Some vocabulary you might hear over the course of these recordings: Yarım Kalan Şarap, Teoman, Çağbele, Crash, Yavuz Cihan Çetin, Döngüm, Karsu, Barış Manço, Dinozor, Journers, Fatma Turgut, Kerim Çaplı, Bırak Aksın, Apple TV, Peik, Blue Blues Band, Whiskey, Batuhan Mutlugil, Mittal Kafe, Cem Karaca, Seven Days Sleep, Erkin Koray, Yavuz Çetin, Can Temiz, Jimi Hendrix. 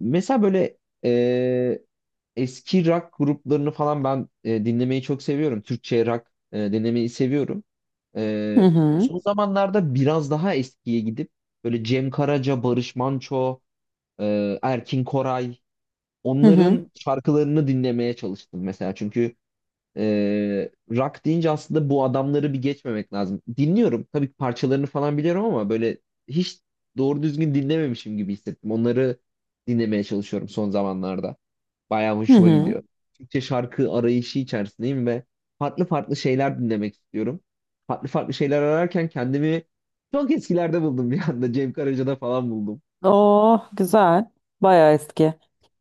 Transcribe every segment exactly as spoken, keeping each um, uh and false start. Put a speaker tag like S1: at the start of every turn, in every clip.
S1: Mesela böyle e, eski rock gruplarını falan ben e, dinlemeyi çok seviyorum. Türkçe rock e, dinlemeyi seviyorum.
S2: Hı
S1: E,
S2: hı.
S1: Son zamanlarda biraz daha eskiye gidip böyle Cem Karaca, Barış Manço, e, Erkin Koray
S2: Hı hı.
S1: onların şarkılarını dinlemeye çalıştım mesela. Çünkü ee, rock deyince aslında bu adamları bir geçmemek lazım. Dinliyorum. Tabii ki parçalarını falan biliyorum ama böyle hiç doğru düzgün dinlememişim gibi hissettim. Onları dinlemeye çalışıyorum son zamanlarda. Bayağı
S2: Hı
S1: hoşuma
S2: hı.
S1: gidiyor. Türkçe şarkı arayışı içerisindeyim ve farklı farklı şeyler dinlemek istiyorum. Farklı farklı şeyler ararken kendimi çok eskilerde buldum bir anda. Cem Karaca'da falan buldum.
S2: Oh güzel. Bayağı eski.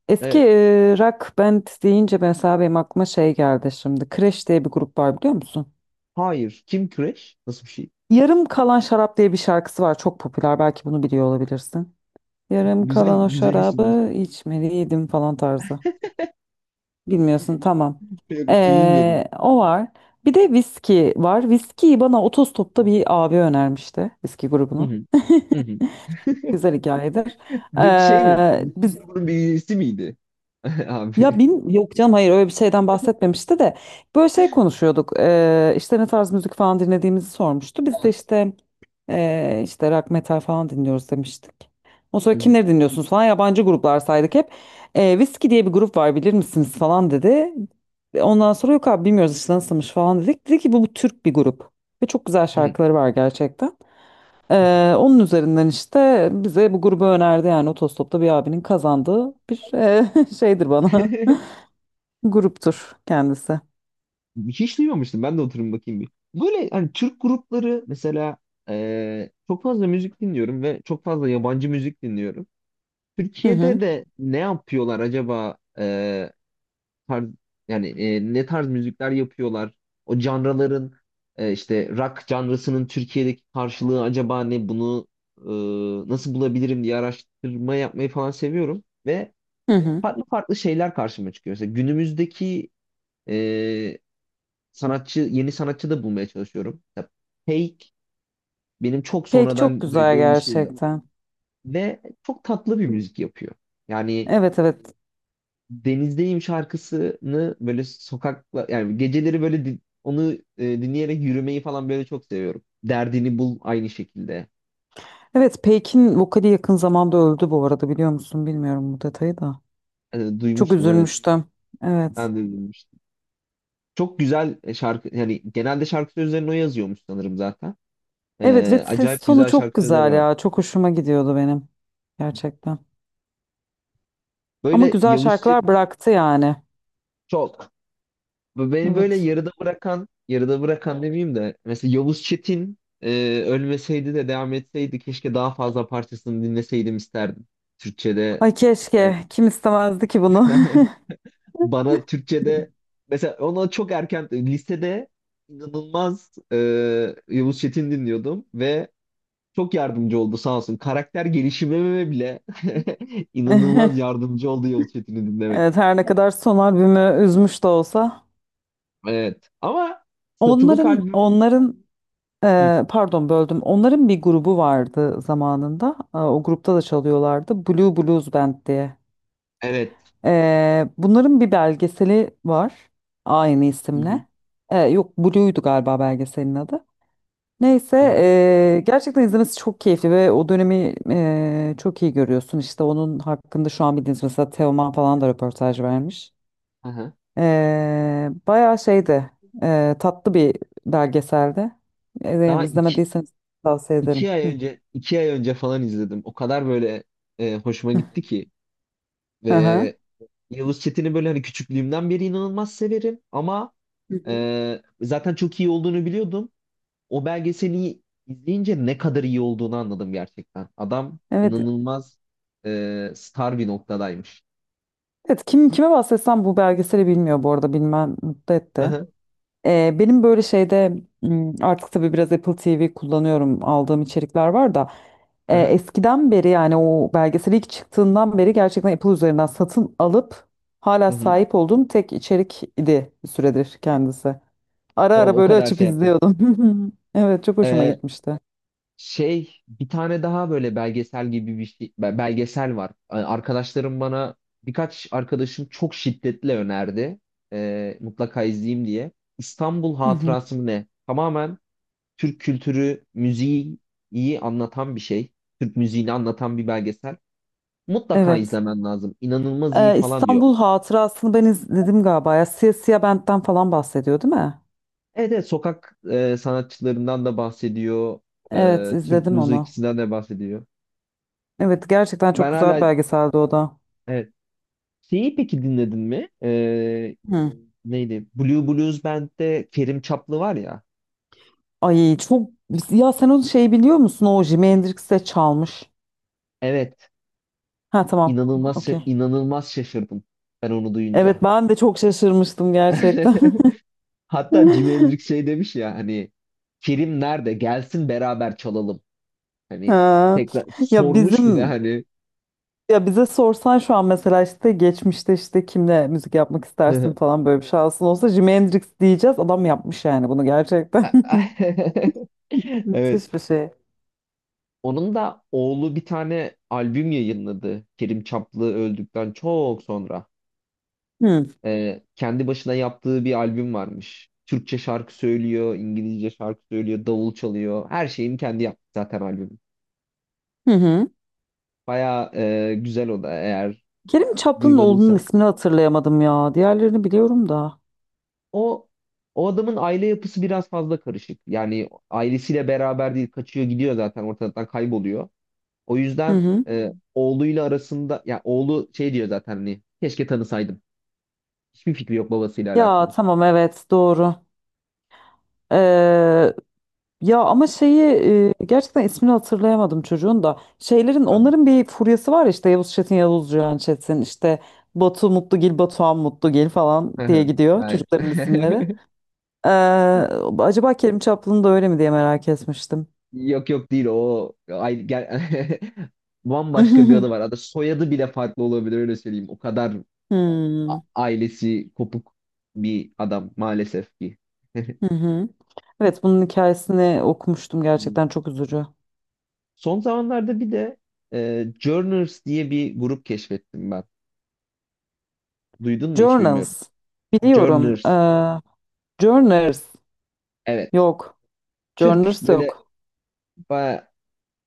S2: Eski
S1: Evet.
S2: e, rock band deyince mesela benim aklıma şey geldi şimdi. Crash diye bir grup var biliyor musun?
S1: Hayır. Kim Crash? Nasıl bir şey?
S2: Yarım Kalan Şarap diye bir şarkısı var. Çok popüler. Belki bunu biliyor olabilirsin. Yarım
S1: Güzel
S2: kalan o
S1: güzel isim.
S2: şarabı içmeliydim falan tarzı. Bilmiyorsun, tamam.
S1: Yok bunu bilmiyordum.
S2: Ee, o var. Bir de viski var. Viskiyi bana otostopta bir abi önermişti. Viski
S1: Hı
S2: grubunu.
S1: hı. Hı hı.
S2: Güzel hikayedir.
S1: Peki şey mi?
S2: Ee,
S1: Whisky
S2: biz
S1: grubunun bir üyesi miydi? Abi.
S2: Ya bin, yok canım, hayır, öyle bir şeyden bahsetmemişti de böyle şey konuşuyorduk. Ee, işte ne tarz müzik falan dinlediğimizi sormuştu, biz de işte ee, işte rock metal falan dinliyoruz demiştik. O sonra
S1: Hı
S2: kimleri dinliyorsunuz falan, yabancı gruplar saydık hep. Ee, Whiskey diye bir grup var bilir misiniz falan dedi. Ve ondan sonra yok abi bilmiyoruz işte nasılmış falan dedik. Dedi ki bu, bu Türk bir grup ve çok güzel
S1: hı.
S2: şarkıları var gerçekten. Ee, onun üzerinden işte bize bu grubu önerdi, yani otostopta bir abinin kazandığı bir ee, şeydir bana. Gruptur kendisi.
S1: Hiç duymamıştım. Ben de oturum bakayım bir. Böyle hani Türk grupları mesela eee, çok fazla müzik dinliyorum ve çok fazla yabancı müzik dinliyorum.
S2: Hı hı.
S1: Türkiye'de de ne yapıyorlar acaba eee, tarz, yani eee, ne tarz müzikler yapıyorlar? O canraların eee, işte rock canrasının Türkiye'deki karşılığı acaba ne? Bunu eee, nasıl bulabilirim diye araştırma yapmayı falan seviyorum ve
S2: Hı hı.
S1: farklı farklı şeyler karşıma çıkıyor. Mesela günümüzdeki e, sanatçı, yeni sanatçı da bulmaya çalışıyorum. Ya, Fake benim çok
S2: Peak çok
S1: sonradan
S2: güzel
S1: duyduğum bir şeydi.
S2: gerçekten.
S1: Ve çok tatlı bir müzik yapıyor. Yani
S2: Evet, evet.
S1: Denizdeyim şarkısını böyle sokakla yani geceleri böyle din- onu e, dinleyerek yürümeyi falan böyle çok seviyorum. Derdini bul aynı şekilde.
S2: Evet, Peik'in vokali yakın zamanda öldü bu arada, biliyor musun? Bilmiyorum bu detayı da.
S1: E,
S2: Çok
S1: duymuştum evet.
S2: üzülmüştüm. Evet.
S1: Ben de duymuştum. Çok güzel e, şarkı yani genelde şarkı sözlerini o yazıyormuş sanırım zaten.
S2: Evet, ve
S1: E,
S2: ses
S1: acayip
S2: tonu
S1: güzel
S2: çok
S1: şarkı sözleri
S2: güzel
S1: var.
S2: ya. Çok hoşuma gidiyordu benim. Gerçekten. Ama
S1: Böyle
S2: güzel
S1: Yavuz Çetin
S2: şarkılar bıraktı yani.
S1: çok. Bu beni böyle
S2: Evet.
S1: yarıda bırakan, yarıda bırakan demeyeyim de mesela Yavuz Çetin e, ölmeseydi de devam etseydi keşke daha fazla parçasını dinleseydim isterdim. Türkçe'de
S2: Ay
S1: e,
S2: keşke. Kim istemezdi ki bunu?
S1: bana Türkçe'de mesela ona çok erken lisede inanılmaz e, Yavuz Çetin dinliyordum ve çok yardımcı oldu sağ olsun. Karakter gelişimime bile inanılmaz yardımcı oldu Yavuz Çetin'i dinlemek.
S2: Evet, her ne kadar son albümü üzmüş de olsa.
S1: Evet. Ama satılık
S2: Onların
S1: albüm.
S2: onların
S1: Hı.
S2: Ee, pardon böldüm. Onların bir grubu vardı zamanında. Aa, o grupta da çalıyorlardı. Blue Blues Band diye.
S1: Evet.
S2: Ee, bunların bir belgeseli var. Aynı
S1: Hı hı.
S2: isimle. Ee, yok, Blue'ydu galiba belgeselin adı. Neyse,
S1: Hı hı.
S2: ee, gerçekten izlemesi çok keyifli ve o dönemi ee, çok iyi görüyorsun. İşte onun hakkında şu an bildiğiniz mesela Teoman falan da röportaj vermiş.
S1: Hı hı.
S2: Ee, bayağı şeydi, ee, tatlı bir belgeseldi. Eğer
S1: Daha iki,
S2: izlemediyseniz tavsiye ederim.
S1: iki ay
S2: Hı.
S1: önce iki ay önce falan izledim. O kadar böyle e, hoşuma gitti ki
S2: Aha.
S1: ve Yavuz Çetin'i böyle hani küçüklüğümden beri inanılmaz severim ama
S2: Hı, hı.
S1: e, zaten çok iyi olduğunu biliyordum. O belgeseli izleyince ne kadar iyi olduğunu anladım gerçekten. Adam
S2: Evet,
S1: inanılmaz e, star bir noktadaymış.
S2: evet, kim kime bahsetsem bu belgeseli bilmiyor bu arada, bilmem mutlu
S1: Hı
S2: etti.
S1: hı.
S2: Ee, benim böyle şeyde m, artık tabii biraz Apple T V kullanıyorum, aldığım içerikler var da
S1: Hı
S2: e,
S1: hı.
S2: eskiden beri, yani o belgesel ilk çıktığından beri gerçekten Apple üzerinden satın alıp hala
S1: Hı hı.
S2: sahip olduğum tek içerik idi bir süredir kendisi. Ara
S1: O,
S2: ara
S1: o
S2: böyle
S1: kadar
S2: açıp
S1: şey yaptım.
S2: izliyordum. Evet, çok hoşuma
S1: E,
S2: gitmişti.
S1: Şey bir tane daha böyle belgesel gibi bir şey be- belgesel var. Yani Arkadaşlarım bana birkaç arkadaşım çok şiddetle önerdi. Ee, mutlaka izleyeyim diye. İstanbul
S2: Hı hı.
S1: Hatırası mı ne? Tamamen Türk kültürü, müziği iyi anlatan bir şey. Türk müziğini anlatan bir belgesel. Mutlaka
S2: Evet.
S1: izlemen lazım. İnanılmaz iyi
S2: Ee,
S1: falan diyor.
S2: İstanbul Hatırası'nı ben izledim galiba ya. Siyah Siyah Bent'ten falan bahsediyor değil mi?
S1: Evet, evet sokak e, sanatçılarından da bahsediyor.
S2: Evet,
S1: E, Türk
S2: izledim
S1: müziği
S2: onu.
S1: ikisinden de bahsediyor.
S2: Evet, gerçekten çok
S1: Ben
S2: güzel bir
S1: hala
S2: belgeseldi o da.
S1: evet. Şeyi peki dinledin mi? Ee,
S2: Hı.
S1: neydi? Blue Blues Band'de Kerim Çaplı var ya.
S2: Ay çok, ya sen onu şey biliyor musun? O Jimi Hendrix'e çalmış.
S1: Evet,
S2: Ha, tamam.
S1: inanılmaz
S2: Okey.
S1: inanılmaz şaşırdım ben onu duyunca.
S2: Evet, ben de çok şaşırmıştım gerçekten.
S1: Hatta Jimi Hendrix şey demiş ya hani Kerim nerede? Gelsin beraber çalalım. Hani
S2: Ha.
S1: tekrar
S2: Ya
S1: sormuş bir de
S2: bizim
S1: hani.
S2: ya bize sorsan şu an mesela, işte geçmişte işte kimle müzik yapmak istersin falan, böyle bir şansın olsa Jimi Hendrix diyeceğiz. Adam yapmış yani bunu gerçekten.
S1: Evet.
S2: Sis Büsi.
S1: Onun da oğlu bir tane albüm yayınladı. Kerim Çaplı öldükten çok sonra.
S2: Hı.
S1: Ee, kendi başına yaptığı bir albüm varmış. Türkçe şarkı söylüyor, İngilizce şarkı söylüyor, davul çalıyor. Her şeyini kendi yaptı zaten albüm.
S2: Hı hı.
S1: Baya güzel o da eğer
S2: Kerim Çaplınoğlu'nun
S1: duymadıysan.
S2: ismini hatırlayamadım ya. Diğerlerini biliyorum da.
S1: O o adamın aile yapısı biraz fazla karışık. Yani ailesiyle beraber değil, kaçıyor gidiyor zaten ortadan kayboluyor. O
S2: Hı
S1: yüzden
S2: hı.
S1: e, oğluyla arasında, ya oğlu şey diyor zaten hani keşke tanısaydım. Hiçbir fikri yok babasıyla
S2: Ya
S1: alakalı.
S2: tamam, evet, doğru. Ee, ya ama şeyi, e, gerçekten ismini hatırlayamadım çocuğun da. Şeylerin,
S1: Anladım.
S2: onların bir furyası var ya, işte Yavuz Çetin, Yavuz Cihan Çetin, işte Batu Mutlugil, Batuhan Mutlugil falan diye gidiyor
S1: Aynen.
S2: çocukların isimleri. Ee, acaba Kerim Çaplı'nın da öyle mi diye merak etmiştim.
S1: Yok yok değil o. Ay, gel... Bambaşka bir adı var. Adı soyadı bile farklı olabilir öyle söyleyeyim. O kadar
S2: Hmm.
S1: ailesi kopuk bir adam maalesef ki.
S2: Hı hı. Evet, bunun hikayesini okumuştum,
S1: Hmm.
S2: gerçekten çok üzücü.
S1: Son zamanlarda bir de e, Journers diye bir grup keşfettim ben. Duydun mu hiç bilmiyorum.
S2: Journals. Biliyorum. Ee,
S1: Journers.
S2: Journers.
S1: Evet.
S2: Yok.
S1: Türk
S2: Journers
S1: böyle
S2: yok.
S1: baya-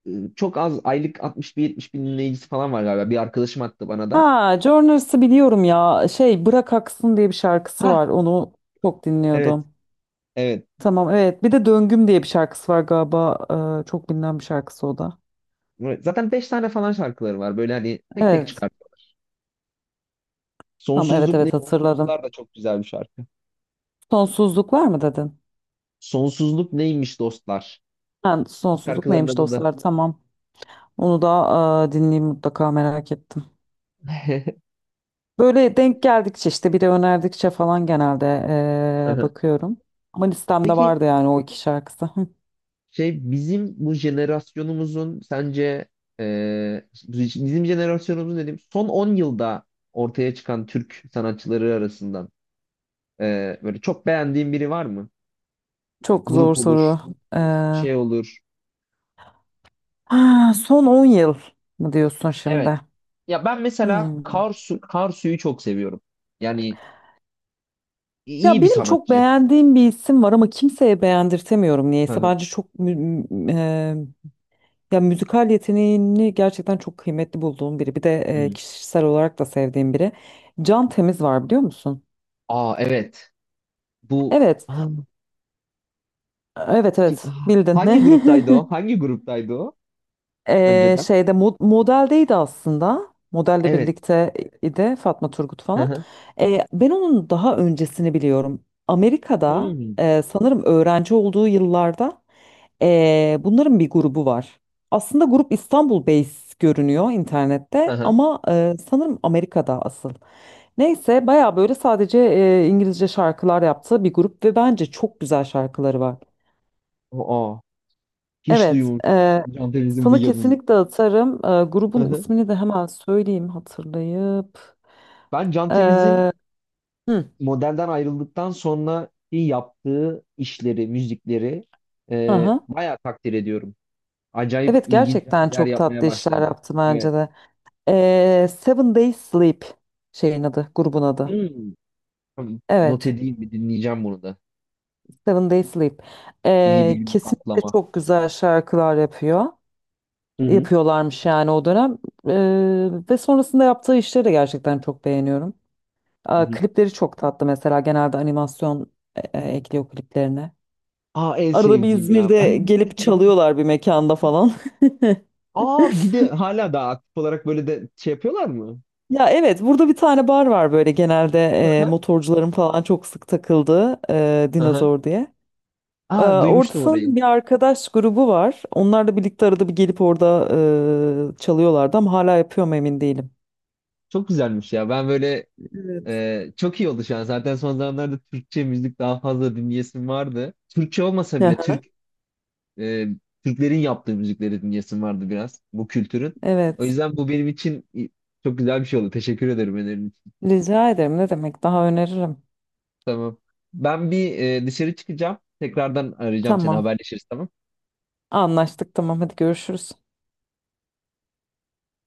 S1: e, çok az aylık altmış bin yetmiş bin dinleyicisi falan var galiba. Bir arkadaşım attı bana da.
S2: Ha, Journers'ı biliyorum ya. Şey, Bırak Aksın diye bir şarkısı
S1: Ha
S2: var. Onu çok
S1: evet
S2: dinliyordum.
S1: evet.
S2: Tamam, evet. Bir de Döngüm diye bir şarkısı var galiba. Ee, çok bilinen bir şarkısı o da.
S1: Zaten beş tane falan şarkıları var. Böyle hani tek tek
S2: Evet.
S1: çıkar.
S2: Tamam, evet,
S1: Sonsuzluk
S2: evet,
S1: neymiş
S2: hatırladım.
S1: dostlar da çok güzel bir şarkı.
S2: Sonsuzluk var mı dedin?
S1: Sonsuzluk neymiş dostlar?
S2: Ha, sonsuzluk
S1: Şarkıların
S2: neymiş
S1: adı da.
S2: dostlar? Tamam. Onu da e, dinleyeyim mutlaka, merak ettim. Böyle denk geldikçe işte, biri önerdikçe falan genelde eee,
S1: Aha.
S2: bakıyorum. Ama listemde
S1: Peki
S2: vardı yani o iki şarkısı. Hı.
S1: şey bizim bu jenerasyonumuzun sence e, bizim jenerasyonumuzun dedim son on yılda ortaya çıkan Türk sanatçıları arasından e, böyle çok beğendiğin biri var mı?
S2: Çok zor
S1: Grup olur,
S2: soru. Eee,
S1: şey olur.
S2: ha, son on yıl mı diyorsun
S1: Evet.
S2: şimdi?
S1: Ya ben mesela
S2: Hmm.
S1: Karsu Karsu'yu çok seviyorum. Yani
S2: Ya
S1: iyi bir
S2: benim çok
S1: sanatçı.
S2: beğendiğim bir isim var ama kimseye beğendirtemiyorum
S1: Hı
S2: niyeyse.
S1: hı.
S2: Bence çok mü- mü- eee, ya müzikal yeteneğini gerçekten çok kıymetli bulduğum biri. Bir de eee,
S1: Hı.
S2: kişisel olarak da sevdiğim biri. Can Temiz var biliyor musun?
S1: Aa evet. Bu.
S2: Evet.
S1: Aa,
S2: Evet,
S1: ki-
S2: evet,
S1: ah,
S2: bildin.
S1: Hangi gruptaydı o? Hangi gruptaydı o?
S2: Ee,
S1: Önceden.
S2: şeyde mo- modeldeydi aslında. Modelle
S1: Evet.
S2: birlikte idi, Fatma Turgut
S1: Hı
S2: falan.
S1: hı.
S2: Ee, ben onun daha öncesini biliyorum. Amerika'da,
S1: Hmm.
S2: e, sanırım öğrenci olduğu yıllarda e, bunların bir grubu var. Aslında grup İstanbul based görünüyor
S1: Hı
S2: internette
S1: hı.
S2: ama e, sanırım Amerika'da asıl. Neyse, bayağı böyle sadece e, İngilizce şarkılar yaptığı bir grup ve bence çok güzel şarkıları var.
S1: Aa, hiç
S2: Evet,
S1: duymamıştım.
S2: eee
S1: Can Temiz'in bu
S2: sana
S1: yanını.
S2: kesinlikle atarım. Eee,
S1: Hı
S2: grubun
S1: hı.
S2: ismini de hemen söyleyeyim, hatırlayıp.
S1: Ben Can Temiz'in
S2: Hı.
S1: modelden ayrıldıktan sonra yaptığı işleri, müzikleri
S2: Hı
S1: e,
S2: hı.
S1: bayağı takdir ediyorum. Acayip
S2: Evet,
S1: ilginç bir
S2: gerçekten
S1: şeyler
S2: çok
S1: yapmaya
S2: tatlı işler
S1: başladı.
S2: yaptı
S1: Evet.
S2: bence de. Eee, Seven Days Sleep şeyin adı, grubun adı.
S1: Hmm. Tamam, not
S2: Evet,
S1: edeyim bir dinleyeceğim bunu da.
S2: Seven Days Sleep.
S1: yedi
S2: Eee,
S1: günlük
S2: kesinlikle
S1: atlama.
S2: çok güzel şarkılar yapıyor.
S1: Hı hı.
S2: Yapıyorlarmış yani o dönem. Eee, ve sonrasında yaptığı işleri de gerçekten çok beğeniyorum.
S1: Hı
S2: Aa,
S1: hı.
S2: klipleri çok tatlı mesela, genelde animasyon e, e, ekliyor kliplerine.
S1: Aa en
S2: Arada bir
S1: sevdiğim ya.
S2: İzmir'de gelip çalıyorlar bir mekanda falan.
S1: Aa bir de hala daha aktif olarak böyle de şey yapıyorlar mı?
S2: Ya, evet, burada bir tane bar var böyle, genelde e,
S1: Hı
S2: motorcuların falan çok sık takıldığı, e,
S1: hı. Hı.
S2: Dinozor diye. E,
S1: Aa
S2: orada
S1: duymuştum orayı.
S2: sanırım bir arkadaş grubu var. Onlarla birlikte arada bir gelip orada e, çalıyorlardı ama hala yapıyor mu emin değilim.
S1: Çok güzelmiş ya. Ben böyle
S2: Evet.
S1: e, çok iyi oldu şu an. Zaten son zamanlarda Türkçe müzik daha fazla dinleyesim vardı. Türkçe olmasa bile Türk e, Türklerin yaptığı müzikleri dinleyesim vardı biraz bu kültürün. O
S2: Evet.
S1: yüzden bu benim için i- çok güzel bir şey oldu. Teşekkür ederim önerin için.
S2: Rica ederim, ne demek, daha öneririm.
S1: Tamam. Ben bir e, dışarı çıkacağım. Tekrardan arayacağım seni
S2: Tamam,
S1: haberleşiriz tamam.
S2: anlaştık, tamam, hadi görüşürüz.